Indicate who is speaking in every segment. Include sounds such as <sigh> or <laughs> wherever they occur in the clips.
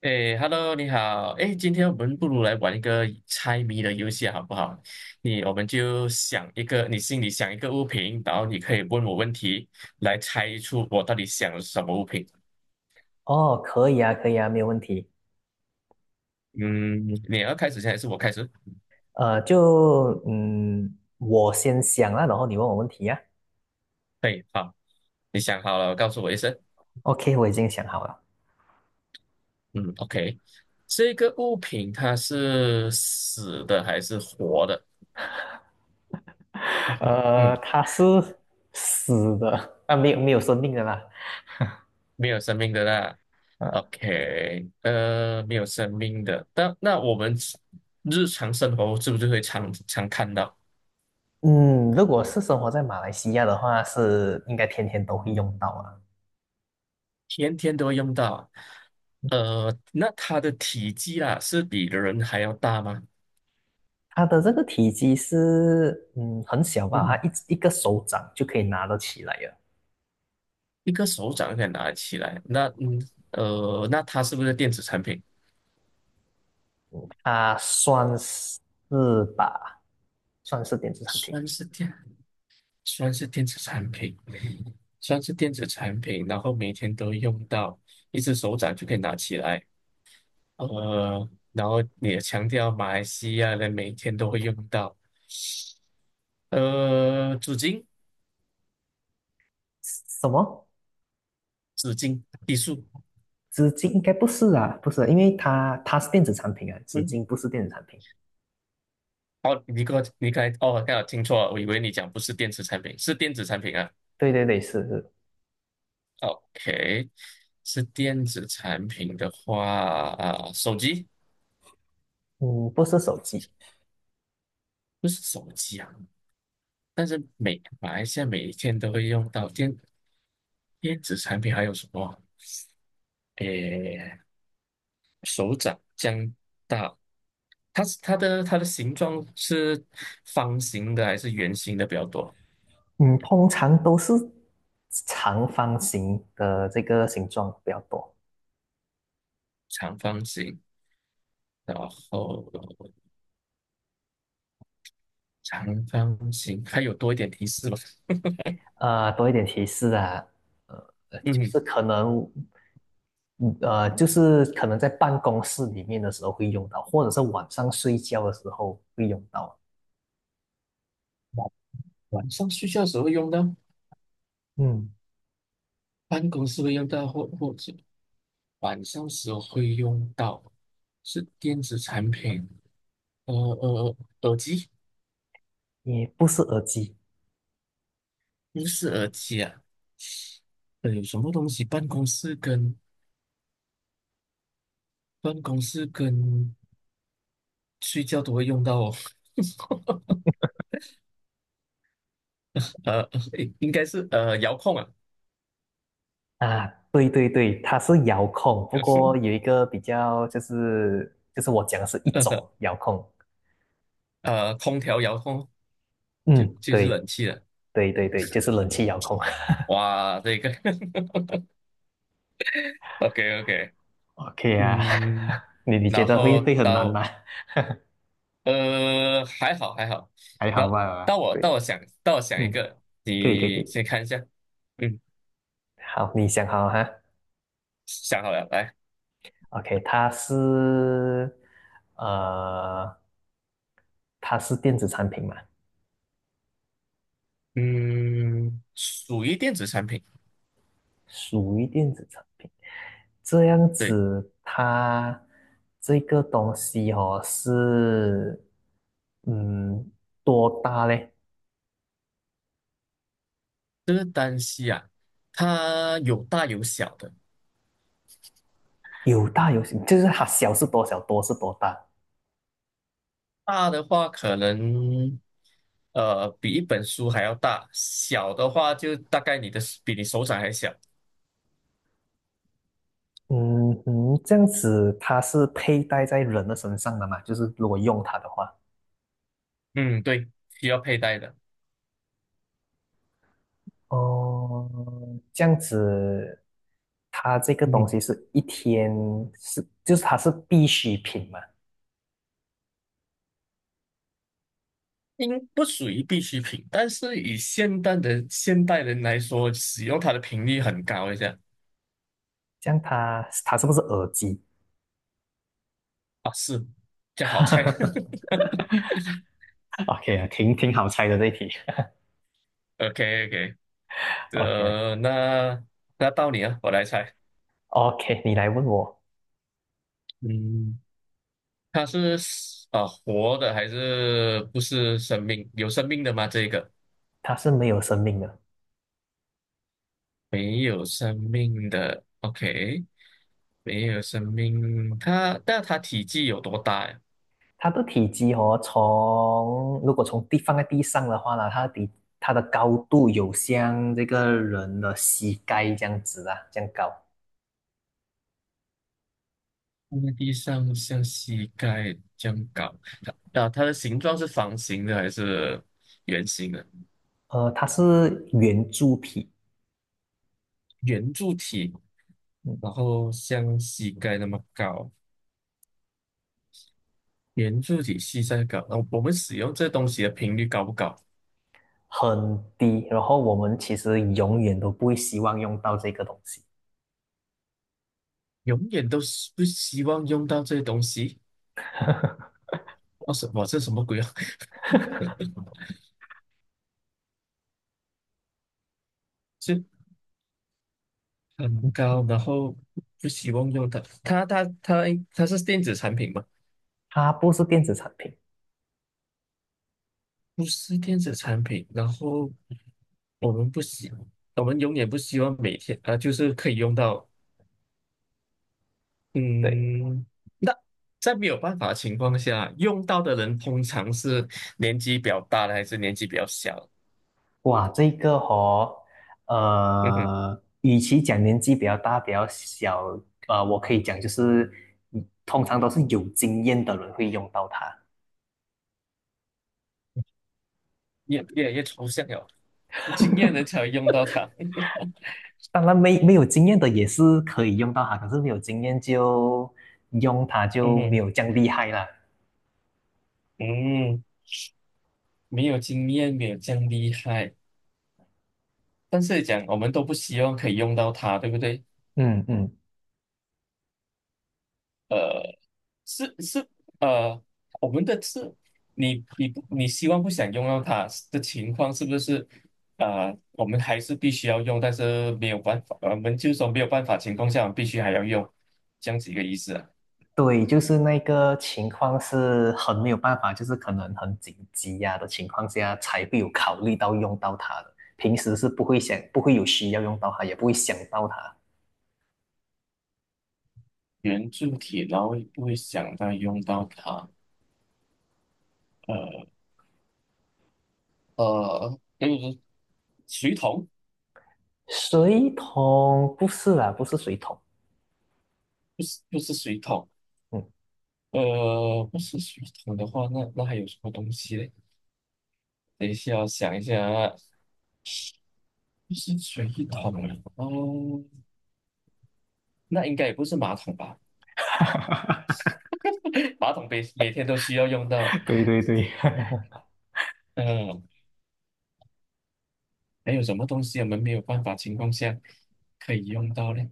Speaker 1: 哎，Hello，你好。哎，今天我们不如来玩一个猜谜的游戏，好不好？我们就想一个，你心里想一个物品，然后你可以问我问题，来猜出我到底想了什么物品。
Speaker 2: 哦，可以啊，可以啊，没有问题。
Speaker 1: 嗯，你要开始先还是我开始？
Speaker 2: 就我先想啊，然后你问我问题呀。
Speaker 1: 对，好，你想好了，告诉我一声。
Speaker 2: OK，我已经想好了。
Speaker 1: 嗯，OK，这个物品它是死的还是活的？嗯嗯
Speaker 2: 它是死的，啊，没有没有生命的啦。
Speaker 1: 没有生命的啦。
Speaker 2: 呃，
Speaker 1: OK，没有生命的，但那我们日常生活是不是会常常看到，
Speaker 2: 嗯，如果是生活在马来西亚的话，是应该天天都会用到啊。
Speaker 1: 天天都会用到啊。那它的体积啦，是比人还要大吗？
Speaker 2: 它的这个体积是很小吧，它
Speaker 1: 嗯，
Speaker 2: 一个手掌就可以拿得起来了。
Speaker 1: 一个手掌可以拿起来。那它是不是电子产品？
Speaker 2: 啊，算是吧，算是电子产品。
Speaker 1: 算是电，算是电子产品，算是电子产品，然后每天都用到，一只手掌就可以拿起来。然后你也强调马来西亚人每天都会用到，纸巾、
Speaker 2: 什么？
Speaker 1: 纸巾、艺术，
Speaker 2: 纸巾应该不是啊，不是啊，因为它是电子产品啊，纸
Speaker 1: 嗯，
Speaker 2: 巾不是电子产品。
Speaker 1: 哦，你给我，你刚才，哦，刚好听错了，我以为你讲不是电子产品，是电子产品啊
Speaker 2: 对对对，是是，
Speaker 1: ，OK，是电子产品的话，啊、手机
Speaker 2: 嗯，不是手机，
Speaker 1: 不是手机啊，但是每马来西亚每一天都会用到电子产品还有什么？诶，手掌、姜大它是它的形状是方形的还是圆形的比较多？
Speaker 2: 嗯，通常都是长方形的这个形状比较多。
Speaker 1: 长方形，然后长方形，还有多一点提示吧。
Speaker 2: 多一点提示啊，呃，就
Speaker 1: 嗯，
Speaker 2: 是可能，嗯呃，就是可能在办公室里面的时候会用到，或者是晚上睡觉的时候会用到。
Speaker 1: 晚晚上睡觉的时候会用到，
Speaker 2: 嗯，
Speaker 1: 办公室会用到，或者晚上时候会用到，是电子产品，呃呃，呃耳机，
Speaker 2: 也不是耳机。
Speaker 1: 不是耳机啊，有什么东西办公室跟睡觉都会用到哦。<laughs> 呃，<laughs> 诶应该是遥控啊，
Speaker 2: 啊，对对对，它是遥控，不过
Speaker 1: <laughs>
Speaker 2: 有一个比较就是我讲的是一种
Speaker 1: 呃
Speaker 2: 遥控，
Speaker 1: 空调遥控就
Speaker 2: 嗯，
Speaker 1: 就是冷
Speaker 2: 对
Speaker 1: 气了。
Speaker 2: 对对对，就是冷气遥控。<laughs>
Speaker 1: 哇，这个 <laughs> OK OK，
Speaker 2: OK 啊，
Speaker 1: 嗯，
Speaker 2: <laughs> 你觉
Speaker 1: 然
Speaker 2: 得会
Speaker 1: 后
Speaker 2: 会很难吗？
Speaker 1: 到还好还好，
Speaker 2: <laughs> 还
Speaker 1: 那
Speaker 2: 好
Speaker 1: 到
Speaker 2: 吧，
Speaker 1: 我
Speaker 2: 对，
Speaker 1: 到我想到我想一
Speaker 2: 嗯，
Speaker 1: 个，
Speaker 2: 可以可以可
Speaker 1: 你
Speaker 2: 以。
Speaker 1: 先看一下，嗯，
Speaker 2: 好，你想好了哈
Speaker 1: 想好了，来，
Speaker 2: ？OK，呃，它是电子产品嘛？
Speaker 1: 嗯，属于电子产品，
Speaker 2: 属于电子产品。这样
Speaker 1: 对，
Speaker 2: 子，它这个东西哦是，嗯，多大嘞？
Speaker 1: 这个单膝啊，它有大有小的，
Speaker 2: 有大有小，就是它小是多小，多是多大。
Speaker 1: 大的话可能。比一本书还要大，小的话就大概你的比你手掌还小。
Speaker 2: 嗯嗯，这样子它是佩戴在人的身上的嘛？就是如果用它的话，
Speaker 1: 嗯，对，需要佩戴的。
Speaker 2: 哦，这样子，它这个东
Speaker 1: 嗯，
Speaker 2: 西是一天是，就是它是必需品嘛？
Speaker 1: 应不属于必需品，但是以现代人来说，使用它的频率很高一下
Speaker 2: 这样它是不是耳机？
Speaker 1: 啊，是这样好猜。
Speaker 2: <laughs>
Speaker 1: <laughs>
Speaker 2: OK，啊，挺好猜的这一题。
Speaker 1: OK OK，
Speaker 2: <laughs>
Speaker 1: 那那到你啊，我来猜，
Speaker 2: OK，OK，OK，你来问我，
Speaker 1: 嗯，它是啊、活的还是不是生命？有生命的吗？这个
Speaker 2: 它是没有生命的，
Speaker 1: 没有生命的。OK，没有生命，它但它体积有多大呀？
Speaker 2: 它的体积哦，如果从地放在地上的话呢，它的高度有像这个人的膝盖这样子啊，这样高。
Speaker 1: 放在地上像膝盖这样高，它啊，它的形状是方形的还是圆形的？
Speaker 2: 它是圆柱体，
Speaker 1: 圆柱体，
Speaker 2: 嗯，
Speaker 1: 然后像膝盖那么高，圆柱体膝盖高。然后我们使用这东西的频率高不高？
Speaker 2: 很低。然后我们其实永远都不会希望用到这个东西，
Speaker 1: 永远都是不希望用到这些东西。哦，什么？这什么鬼啊？
Speaker 2: <laughs>
Speaker 1: <laughs> 是很高，然后不希望用它。它它是电子产品吗？
Speaker 2: 它不是电子产品。
Speaker 1: 不是电子产品，然后我们不希，我们永远不希望每天啊、就是可以用到，
Speaker 2: 对。
Speaker 1: 嗯，那在没有办法的情况下，用到的人通常是年纪比较大的，还是年纪比较小的
Speaker 2: 哇，这个哦，
Speaker 1: 嗯哼，
Speaker 2: 与其讲年纪比较大、比较小，我可以讲就是，通常都是有经验的人会用到它。
Speaker 1: 越来越抽象了，有经验人才会用到它。<laughs>
Speaker 2: 当然没有经验的也是可以用到它，可是没有经验就用它
Speaker 1: 嗯
Speaker 2: 就没
Speaker 1: 哼，
Speaker 2: 有这样厉害啦。
Speaker 1: 嗯，没有经验，没有这样厉害，但是讲我们都不希望可以用到它，对不对？
Speaker 2: 嗯嗯，
Speaker 1: 呃。是是呃，我们的是，你希望不想用到它的情况是不是？我们还是必须要用，但是没有办法，我们就说没有办法情况下，我们必须还要用，这样子一个意思啊。
Speaker 2: 对，就是那个情况是很没有办法，就是可能很紧急呀、的情况下才会有考虑到用到它的，平时是不会想，不会有需要用到它，也不会想到它。
Speaker 1: 圆柱体，然后也不会想到用到它。呃，如说水桶，
Speaker 2: 水桶不是啦，不是水桶。
Speaker 1: 不是不是水桶，
Speaker 2: 嗯，
Speaker 1: 不是水桶的话，那那还有什么东西嘞？等一下，我想一下啊，不是水桶哦，那应该也不是马桶吧？
Speaker 2: <laughs>
Speaker 1: <laughs> 马桶每每天都需要用到。
Speaker 2: 对对对，<laughs>
Speaker 1: 嗯，还有什么东西我们没有办法情况下可以用到呢？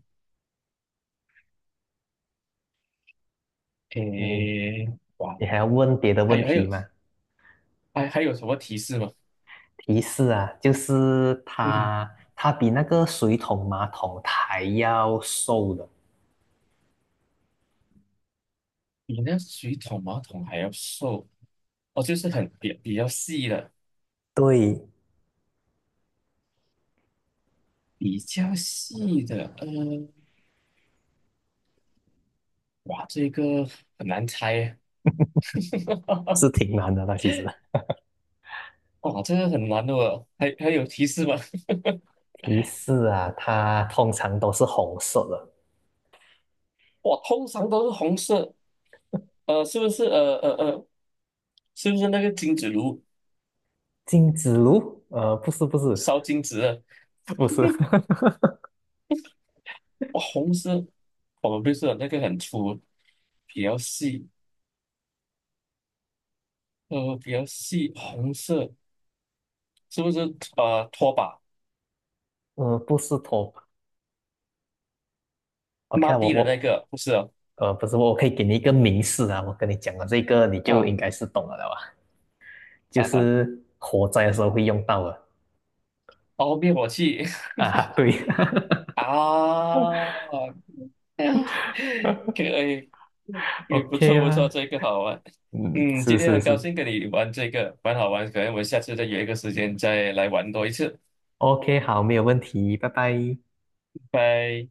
Speaker 2: 你
Speaker 1: 诶，哇，
Speaker 2: 你还要问别的
Speaker 1: 还
Speaker 2: 问
Speaker 1: 有还
Speaker 2: 题
Speaker 1: 有
Speaker 2: 吗？
Speaker 1: 还有什么提示吗？<laughs>
Speaker 2: 提示啊，就是
Speaker 1: 嗯，
Speaker 2: 它比那个水桶马桶还要瘦的。
Speaker 1: 比那水桶、马桶还要瘦哦，就是比比较细的，
Speaker 2: 对，
Speaker 1: 比较细的。嗯，哇，这个很难猜耶。<laughs>
Speaker 2: 是挺难的它其实。
Speaker 1: 哇，这个很难的哦，还还有提示吗？<laughs>
Speaker 2: 提示啊，它通常都是红色的。
Speaker 1: 我通常都是红色，是不是？是不是那个金子炉
Speaker 2: 金子炉？不是不是，
Speaker 1: 烧金子的？
Speaker 2: 不是，
Speaker 1: 哇，红色，我们不是有那个很粗，比较细，比较细，红色是不是？拖把
Speaker 2: <laughs> 不是头。OK
Speaker 1: 抹
Speaker 2: 啊我
Speaker 1: 地的那
Speaker 2: 我
Speaker 1: 个不是哦
Speaker 2: 呃，不是，我可以给你一个明示啊，我跟你讲了这个，你就
Speaker 1: 啊？
Speaker 2: 应该是懂了的吧？
Speaker 1: 啊
Speaker 2: 就
Speaker 1: 啊哈，
Speaker 2: 是火灾的时候会用到的
Speaker 1: 哦，灭火器
Speaker 2: 啊，对
Speaker 1: <laughs> 啊！<laughs> 可
Speaker 2: <laughs>
Speaker 1: 以，也不
Speaker 2: ，OK
Speaker 1: 错不错，
Speaker 2: 啦，
Speaker 1: 这个好玩。
Speaker 2: 嗯，
Speaker 1: 嗯，今
Speaker 2: 是
Speaker 1: 天
Speaker 2: 是
Speaker 1: 很高
Speaker 2: 是
Speaker 1: 兴跟你玩这个，蛮好玩。可能我们下次再约一个时间再来玩多一次。
Speaker 2: ，OK，好，没有问题，拜拜。
Speaker 1: 拜。